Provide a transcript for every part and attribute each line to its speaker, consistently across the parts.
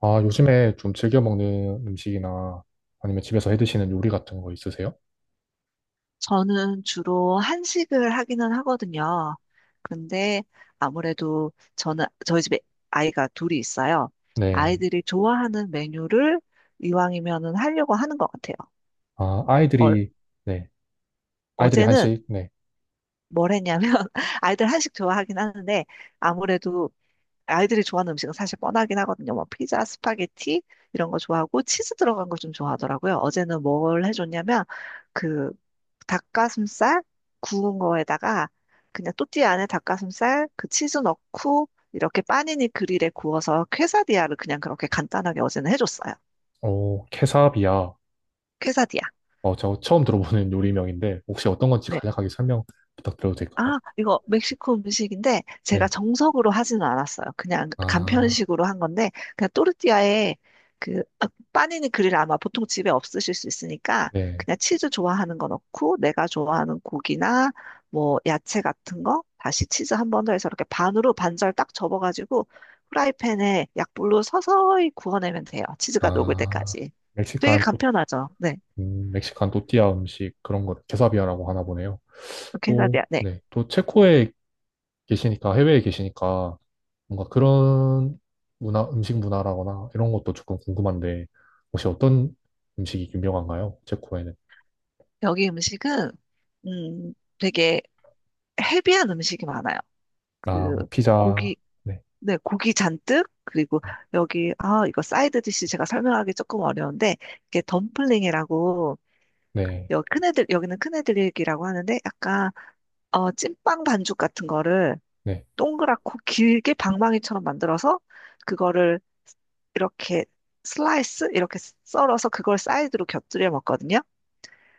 Speaker 1: 아, 요즘에 좀 즐겨 먹는 음식이나 아니면 집에서 해 드시는 요리 같은 거 있으세요?
Speaker 2: 저는 주로 한식을 하기는 하거든요. 근데 아무래도 저는 저희 집에 아이가 둘이 있어요.
Speaker 1: 네.
Speaker 2: 아이들이 좋아하는 메뉴를 이왕이면은 하려고 하는 것 같아요.
Speaker 1: 아,
Speaker 2: 어,
Speaker 1: 아이들이, 네. 아이들이
Speaker 2: 어제는
Speaker 1: 한식, 네.
Speaker 2: 뭘 했냐면 아이들 한식 좋아하긴 하는데 아무래도 아이들이 좋아하는 음식은 사실 뻔하긴 하거든요. 뭐 피자, 스파게티 이런 거 좋아하고 치즈 들어간 거 좀 좋아하더라고요. 어제는 뭘 해줬냐면 그 닭가슴살 구운 거에다가 그냥 또띠아 안에 닭가슴살 그 치즈 넣고 이렇게 빠니니 그릴에 구워서 퀘사디아를 그냥 그렇게 간단하게 어제는 해줬어요.
Speaker 1: 오, 케사비야.
Speaker 2: 퀘사디아.
Speaker 1: 어, 저 처음 들어보는 요리명인데, 혹시 어떤 건지
Speaker 2: 네.
Speaker 1: 간략하게 설명 부탁드려도 될까요?
Speaker 2: 아, 이거 멕시코 음식인데 제가
Speaker 1: 네.
Speaker 2: 정석으로 하지는 않았어요. 그냥
Speaker 1: 아,
Speaker 2: 간편식으로 한 건데 그냥 또르띠아에 그 빠니니 그릴 아마 보통 집에 없으실 수 있으니까
Speaker 1: 네.
Speaker 2: 그냥 치즈 좋아하는 거 넣고 내가 좋아하는 고기나 뭐 야채 같은 거 다시 치즈 한 번 더 해서 이렇게 반으로 반절 딱 접어가지고 프라이팬에 약불로 서서히 구워내면 돼요. 치즈가 녹을
Speaker 1: 아,
Speaker 2: 때까지. 되게
Speaker 1: 멕시칸 또,
Speaker 2: 간편하죠. 네.
Speaker 1: 멕시칸 또띠아 음식 그런 거 케사비야라고 하나 보네요. 또,
Speaker 2: 캔사디아. 네.
Speaker 1: 네. 또 체코의 계시니까, 해외에 계시니까, 뭔가 그런 문화, 음식 문화라거나 이런 것도 조금 궁금한데, 혹시 어떤 음식이 유명한가요? 체코에는.
Speaker 2: 여기 음식은 음 되게 헤비한 음식이 많아요.
Speaker 1: 아,
Speaker 2: 그
Speaker 1: 뭐, 피자.
Speaker 2: 고기,
Speaker 1: 네,
Speaker 2: 네, 고기 잔뜩. 그리고
Speaker 1: 네,
Speaker 2: 여기 이거 사이드 디시 제가 설명하기 조금 어려운데 이게 덤플링이라고.
Speaker 1: 네.
Speaker 2: 여기 큰애들, 여기는 큰애들이라고 하는데 약간 찐빵 반죽 같은 거를
Speaker 1: 네.
Speaker 2: 동그랗고 길게 방망이처럼 만들어서 그거를 이렇게 슬라이스 이렇게 썰어서 그걸 사이드로 곁들여 먹거든요.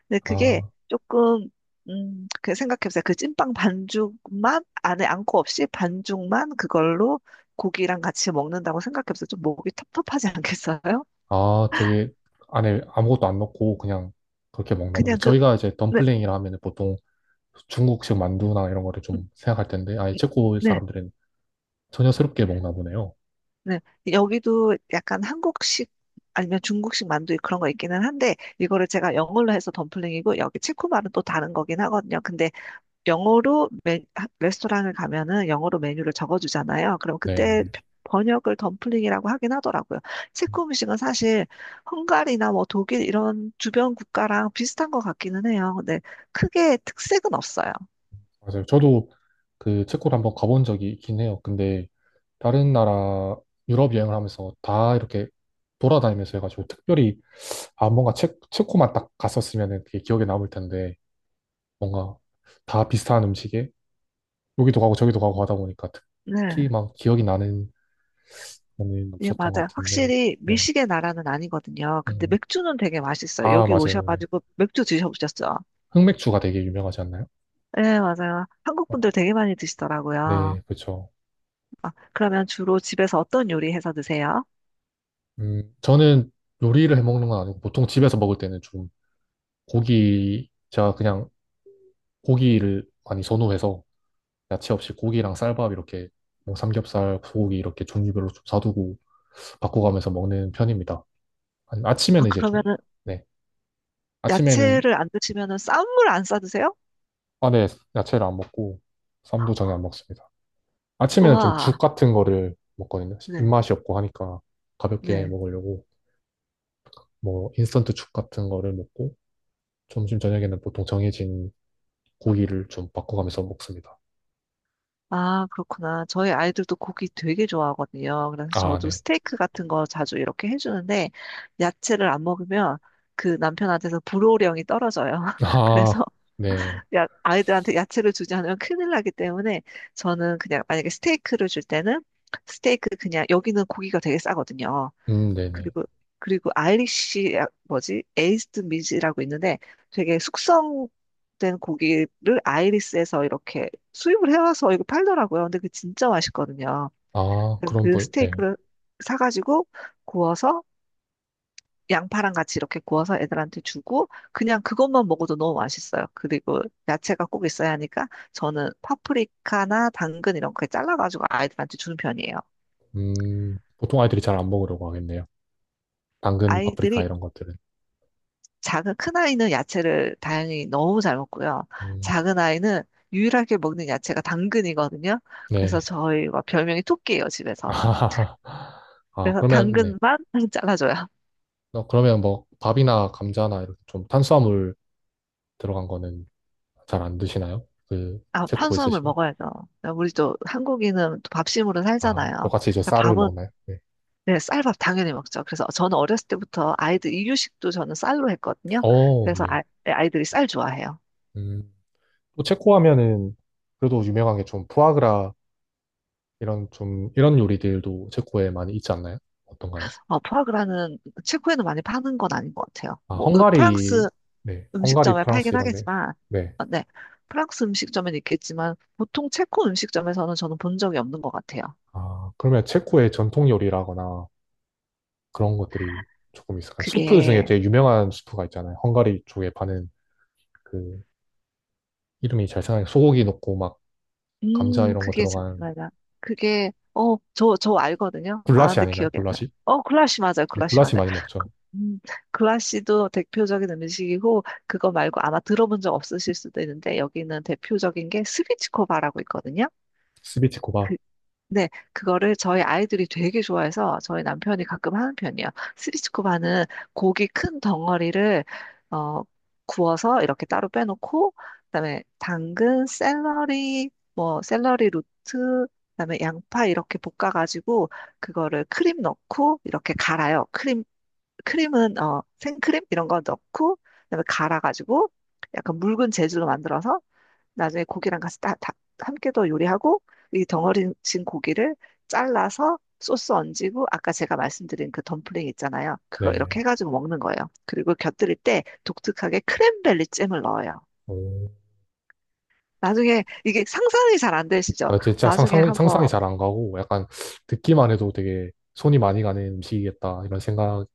Speaker 2: 근데 그게
Speaker 1: 아,
Speaker 2: 조금, 그 생각해보세요. 그 찐빵 반죽만, 안에 안고 없이 반죽만 그걸로 고기랑 같이 먹는다고 생각해보세요. 좀 목이 텁텁하지 않겠어요?
Speaker 1: 아, 되게 안에 아무것도 안 넣고 그냥 그렇게 먹나 보네.
Speaker 2: 그냥 그
Speaker 1: 저희가 이제
Speaker 2: 네.
Speaker 1: 덤플링이라 하면 보통 중국식 만두나 이런 거를
Speaker 2: 음.
Speaker 1: 좀 생각할 텐데, 아예
Speaker 2: 음.
Speaker 1: 체코
Speaker 2: 네.
Speaker 1: 사람들은 전혀 새롭게 먹나 보네요.
Speaker 2: 네. 여기도 약간 한국식 아니면 중국식 만두 그런 거 있기는 한데, 이거를 제가 영어로 해서 덤플링이고 여기 체코말은 또 다른 거긴 하거든요. 근데 영어로 레스토랑을 가면은 영어로 메뉴를 적어주잖아요. 그럼 그때
Speaker 1: 네.
Speaker 2: 번역을 덤플링이라고 하긴 하더라고요. 체코 음식은 사실 헝가리나 뭐 독일 이런 주변 국가랑 비슷한 것 같기는 해요. 근데 크게 특색은 없어요.
Speaker 1: 맞아요. 저도 그 체코를 한번 가본 적이 있긴 해요. 근데 다른 나라 유럽 여행을 하면서 다 이렇게 돌아다니면서 해가지고 특별히 아 뭔가 체코만 딱 갔었으면 그게 기억에 남을 텐데 뭔가 다 비슷한 음식에 여기도 가고 저기도 가고 하다 보니까 특히
Speaker 2: 네.
Speaker 1: 막 기억이 나는 거는
Speaker 2: 예,
Speaker 1: 없었던 것
Speaker 2: 맞아요.
Speaker 1: 같은데.
Speaker 2: 확실히
Speaker 1: 네.
Speaker 2: 미식의 나라는 아니거든요. 근데
Speaker 1: 음.
Speaker 2: 맥주는 되게 맛있어요.
Speaker 1: 아
Speaker 2: 여기
Speaker 1: 맞아요. 네.
Speaker 2: 오셔가지고 맥주 드셔보셨죠?
Speaker 1: 흑맥주가 되게 유명하지 않나요?
Speaker 2: 네, 맞아요. 한국
Speaker 1: 어.
Speaker 2: 분들 되게 많이 드시더라고요.
Speaker 1: 네, 그렇죠.
Speaker 2: 아, 그러면 주로 집에서 어떤 요리 해서 드세요?
Speaker 1: 저는 요리를 해 먹는 건 아니고 보통 집에서 먹을 때는 좀 고기, 제가 그냥 고기를 많이 선호해서 야채 없이 고기랑 쌀밥 이렇게 뭐 삼겹살, 소고기 이렇게 종류별로 좀 사두고 바꿔가면서 먹는 편입니다. 아니,
Speaker 2: 아,
Speaker 1: 아침에는 이제 좀,
Speaker 2: 그러면은
Speaker 1: 네. 아침에는,
Speaker 2: 야채를 안 드시면은 쌈을 안 싸 드세요?
Speaker 1: 아, 네. 야채를 안 먹고 쌈도 전혀 안 먹습니다. 아침에는 좀 죽
Speaker 2: 우와.
Speaker 1: 같은 거를 먹거든요.
Speaker 2: 네,
Speaker 1: 입맛이 없고 하니까 가볍게
Speaker 2: 네.
Speaker 1: 먹으려고 뭐 인스턴트 죽 같은 거를 먹고 점심 저녁에는 보통 정해진 고기를 좀 바꿔가면서 먹습니다.
Speaker 2: 아, 그렇구나. 저희 아이들도 고기 되게 좋아하거든요. 그래서
Speaker 1: 아,
Speaker 2: 저도
Speaker 1: 네.
Speaker 2: 스테이크 같은 거 자주 이렇게 해주는데 야채를 안 먹으면 그 남편한테서 불호령이 떨어져요.
Speaker 1: 아,
Speaker 2: 그래서
Speaker 1: 네.
Speaker 2: 야, 아이들한테 야채를 주지 않으면 큰일 나기 때문에 저는 그냥, 만약에 스테이크를 줄 때는 스테이크, 그냥 여기는 고기가 되게 싸거든요.
Speaker 1: 네네.
Speaker 2: 그리고 아이리쉬 뭐지? 에이스드 미즈라고 있는데, 되게 숙성된 고기를 아이리스에서 이렇게 수입을 해와서 이거 팔더라고요. 근데 그 진짜 맛있거든요.
Speaker 1: 아,
Speaker 2: 그래서
Speaker 1: 그런
Speaker 2: 그
Speaker 1: 부 네.
Speaker 2: 스테이크를 사가지고 구워서 양파랑 같이 이렇게 구워서 애들한테 주고 그냥, 그것만 먹어도 너무 맛있어요. 그리고 야채가 꼭 있어야 하니까 저는 파프리카나 당근 이런 거 잘라가지고 아이들한테 주는 편이에요.
Speaker 1: 보통 아이들이 잘 안 먹으려고 하겠네요. 당근, 파프리카
Speaker 2: 아이들이
Speaker 1: 이런 것들은.
Speaker 2: 작은 큰 아이는 야채를 다행히 너무 잘 먹고요.
Speaker 1: 음,
Speaker 2: 작은 아이는 유일하게 먹는 야채가 당근이거든요. 그래서
Speaker 1: 네.
Speaker 2: 저희가 별명이 토끼예요, 집에서.
Speaker 1: 아,
Speaker 2: 그래서
Speaker 1: 그러면, 네.
Speaker 2: 당근만 잘라줘요.
Speaker 1: 어, 그러면 뭐, 밥이나 감자나 이렇게 좀 탄수화물 들어간 거는 잘 안 드시나요? 그,
Speaker 2: 아,
Speaker 1: 체코
Speaker 2: 탄수화물
Speaker 1: 있으신.
Speaker 2: 먹어야죠. 우리 또 한국인은 또 밥심으로
Speaker 1: 아,
Speaker 2: 살잖아요.
Speaker 1: 똑같이 이제
Speaker 2: 그러니까
Speaker 1: 쌀을
Speaker 2: 밥은,
Speaker 1: 먹나요? 네.
Speaker 2: 네, 쌀밥 당연히 먹죠. 그래서 저는 어렸을 때부터 아이들 이유식도 저는 쌀로 했거든요.
Speaker 1: 어,
Speaker 2: 그래서
Speaker 1: 네.
Speaker 2: 아이들이 쌀 좋아해요.
Speaker 1: 음, 또 체코 하면은 그래도 유명한 게 좀 푸아그라 이런 좀, 이런 요리들도 체코에 많이 있지 않나요? 어떤가요?
Speaker 2: 포아그라는 체코에는 많이 파는 건 아닌 것 같아요.
Speaker 1: 아,
Speaker 2: 뭐
Speaker 1: 헝가리,
Speaker 2: 프랑스
Speaker 1: 네, 헝가리,
Speaker 2: 음식점에
Speaker 1: 프랑스
Speaker 2: 팔긴
Speaker 1: 이런데,
Speaker 2: 하겠지만,
Speaker 1: 네.
Speaker 2: 네, 프랑스 음식점엔 있겠지만 보통 체코 음식점에서는 저는 본 적이 없는 것 같아요.
Speaker 1: 아, 그러면 체코의 전통 요리라거나 그런 것들이 조금 있을까요? 수프 중에
Speaker 2: 그게,
Speaker 1: 되게 유명한 수프가 있잖아요. 헝가리 쪽에 파는 그 이름이 잘 생각나요. 소고기 넣고 막 감자 이런 거 들어간
Speaker 2: 잠깐만요. 그게, 저 알거든요.
Speaker 1: 굴라시
Speaker 2: 아는데
Speaker 1: 아닌가요?
Speaker 2: 기억이 안 나요.
Speaker 1: 굴라시?
Speaker 2: 글라시 맞아요.
Speaker 1: 네,
Speaker 2: 글라시
Speaker 1: 굴라시
Speaker 2: 맞아요.
Speaker 1: 많이
Speaker 2: 그-
Speaker 1: 먹죠.
Speaker 2: 음, 글라시도 대표적인 음식이고 그거 말고 아마 들어본 적 없으실 수도 있는데, 여기는 대표적인 게 스비치코바라고 있거든요.
Speaker 1: 스비치코바.
Speaker 2: 그 네, 그거를 저희 아이들이 되게 좋아해서 저희 남편이 가끔 하는 편이에요. 스비츠코바는 고기 큰 덩어리를 어, 구워서 이렇게 따로 빼놓고 그다음에 당근, 샐러리, 뭐 샐러리 루트, 그다음에 양파 이렇게 볶아가지고 그거를 크림 넣고 이렇게 갈아요. 크림은 생크림 이런 거 넣고 그다음에 갈아가지고 약간 묽은 재질로 만들어서 나중에 고기랑 같이 다 함께 더 요리하고 이 덩어리진 고기를 잘라서 소스 얹이고, 아까 제가 말씀드린 그 덤플링 있잖아요. 그거 이렇게
Speaker 1: 네.
Speaker 2: 해가지고 먹는 거예요. 그리고 곁들일 때 독특하게 크랜베리 잼을 넣어요.
Speaker 1: 오.
Speaker 2: 나중에, 이게 상상이 잘 안 되시죠?
Speaker 1: 아, 진짜
Speaker 2: 나중에
Speaker 1: 상상, 상상이
Speaker 2: 한번.
Speaker 1: 잘 안 가고 약간 듣기만 해도 되게 손이 많이 가는 음식이겠다 이런 생각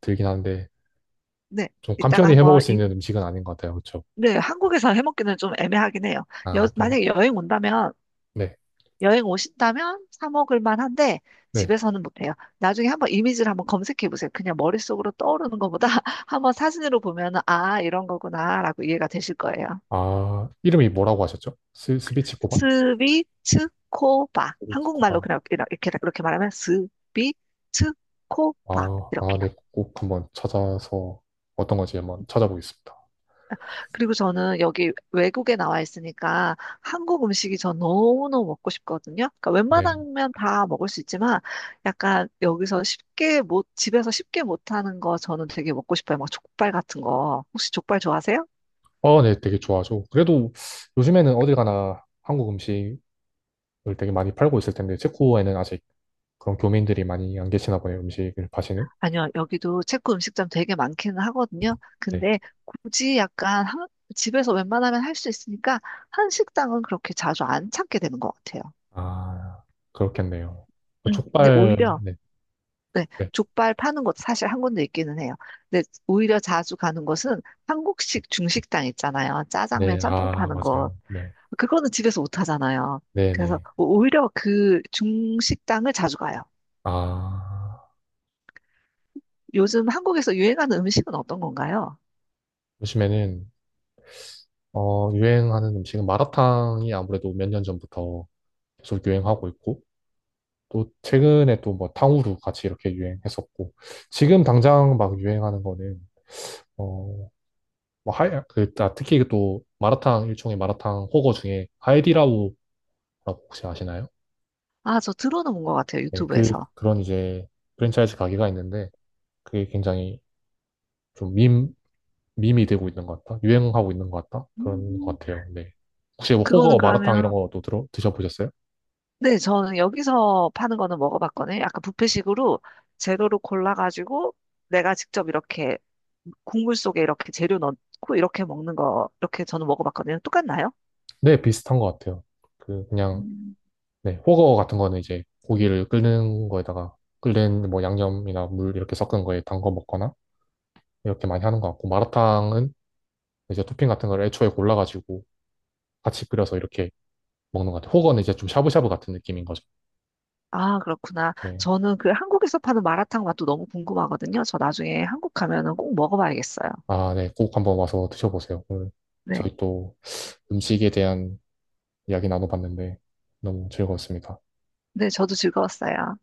Speaker 1: 들긴 하는데
Speaker 2: 네.
Speaker 1: 좀
Speaker 2: 이따가
Speaker 1: 간편히 해 먹을
Speaker 2: 한번
Speaker 1: 수 있는 음식은 아닌 것 같아요. 그렇죠?
Speaker 2: 네, 한국에서 해먹기는 좀 애매하긴 해요.
Speaker 1: 아, 또,
Speaker 2: 만약에 여행 온다면,
Speaker 1: 네,
Speaker 2: 여행 오신다면 사 먹을 만한데
Speaker 1: 네.
Speaker 2: 집에서는 못해요. 나중에 한번 이미지를 한번 검색해 보세요. 그냥 머릿속으로 떠오르는 것보다 한번 사진으로 보면은 아, 이런 거구나라고 이해가 되실 거예요.
Speaker 1: 아, 이름이 뭐라고 하셨죠? 스비치코바?
Speaker 2: 스비츠코바. 한국말로
Speaker 1: 스비치코바.
Speaker 2: 그냥 이렇게 이렇게 말하면 스비츠코바
Speaker 1: 아, 아,
Speaker 2: 이렇게요.
Speaker 1: 네, 꼭 한번 찾아서 어떤 건지 한번 찾아보겠습니다.
Speaker 2: 그리고 저는 여기 외국에 나와 있으니까 한국 음식이 전 너무너무 먹고 싶거든요. 그러니까
Speaker 1: 네.
Speaker 2: 웬만하면 다 먹을 수 있지만 약간 여기서 쉽게 못, 집에서 쉽게 못하는 거 저는 되게 먹고 싶어요. 막 족발 같은 거. 혹시 족발 좋아하세요?
Speaker 1: 어, 네, 되게 좋아하죠. 그래도 요즘에는 어딜 가나 한국 음식을 되게 많이 팔고 있을 텐데, 체코에는 아직 그런 교민들이 많이 안 계시나 보네요, 음식을 파시는.
Speaker 2: 아니요, 여기도 체코 음식점 되게 많기는 하거든요.
Speaker 1: 네.
Speaker 2: 근데 굳이 약간 집에서 웬만하면 할 수 있으니까 한식당은 그렇게 자주 안 찾게 되는 것 같아요.
Speaker 1: 아, 그렇겠네요. 그
Speaker 2: 근데
Speaker 1: 족발,
Speaker 2: 오히려,
Speaker 1: 네,
Speaker 2: 네,
Speaker 1: 네,
Speaker 2: 족발 파는 곳 사실 한 군데 있기는 해요. 근데 오히려 자주 가는 곳은 한국식 중식당 있잖아요. 짜장면,
Speaker 1: 네,
Speaker 2: 짬뽕
Speaker 1: 아,
Speaker 2: 파는 곳.
Speaker 1: 맞아요. 네,
Speaker 2: 그거는 집에서 못 하잖아요.
Speaker 1: 네,
Speaker 2: 그래서
Speaker 1: 네.
Speaker 2: 오히려 그 중식당을 자주 가요.
Speaker 1: 아,
Speaker 2: 요즘 한국에서 유행하는 음식은 어떤 건가요?
Speaker 1: 요즘에는 어, 유행하는 음식은 마라탕이 아무래도 몇 년 전부터 계속 유행하고 있고, 또 최근에 또 뭐 탕후루 같이 이렇게 유행했었고, 지금 당장 막 유행하는 거는, 어, 뭐 하야, 그, 아, 특히 그 또 마라탕, 일종의 마라탕 호거 중에 하이디라오라고 혹시 아시나요?
Speaker 2: 아, 저 들어는 본 것 같아요.
Speaker 1: 네, 그,
Speaker 2: 유튜브에서.
Speaker 1: 그런 이제 프랜차이즈 가게가 있는데, 그게 굉장히 좀 밈, 밈이 되고 있는 것 같다? 유행하고 있는 것 같다? 그런
Speaker 2: 음,
Speaker 1: 것 같아요. 네. 혹시 뭐
Speaker 2: 그거는
Speaker 1: 호거 마라탕 이런
Speaker 2: 그러면,
Speaker 1: 것도 들어, 드셔보셨어요?
Speaker 2: 네, 저는 여기서 파는 거는 먹어봤거든요. 약간 뷔페식으로 재료로 골라가지고 내가 직접 이렇게 국물 속에 이렇게 재료 넣고 이렇게 먹는 거, 이렇게 저는 먹어봤거든요. 똑같나요?
Speaker 1: 네, 비슷한 것 같아요. 그냥,
Speaker 2: 음.
Speaker 1: 네, 호거 같은 거는 이제 고기를 끓는 거에다가 끓는 뭐 양념이나 물 이렇게 섞은 거에 담궈 먹거나 이렇게 많이 하는 것 같고, 마라탕은 이제 토핑 같은 걸 애초에 골라가지고 같이 끓여서 이렇게 먹는 것 같아요. 호거는 이제 좀 샤브샤브 같은 느낌인 거죠.
Speaker 2: 아, 그렇구나.
Speaker 1: 네.
Speaker 2: 저는 그 한국에서 파는 마라탕 맛도 너무 궁금하거든요. 저 나중에 한국 가면은 꼭 먹어봐야겠어요.
Speaker 1: 아, 네, 꼭 한번 와서 드셔보세요. 오늘
Speaker 2: 네.
Speaker 1: 저희 또 음식에 대한 이야기 나눠봤는데 너무 즐거웠습니다.
Speaker 2: 네, 저도 즐거웠어요.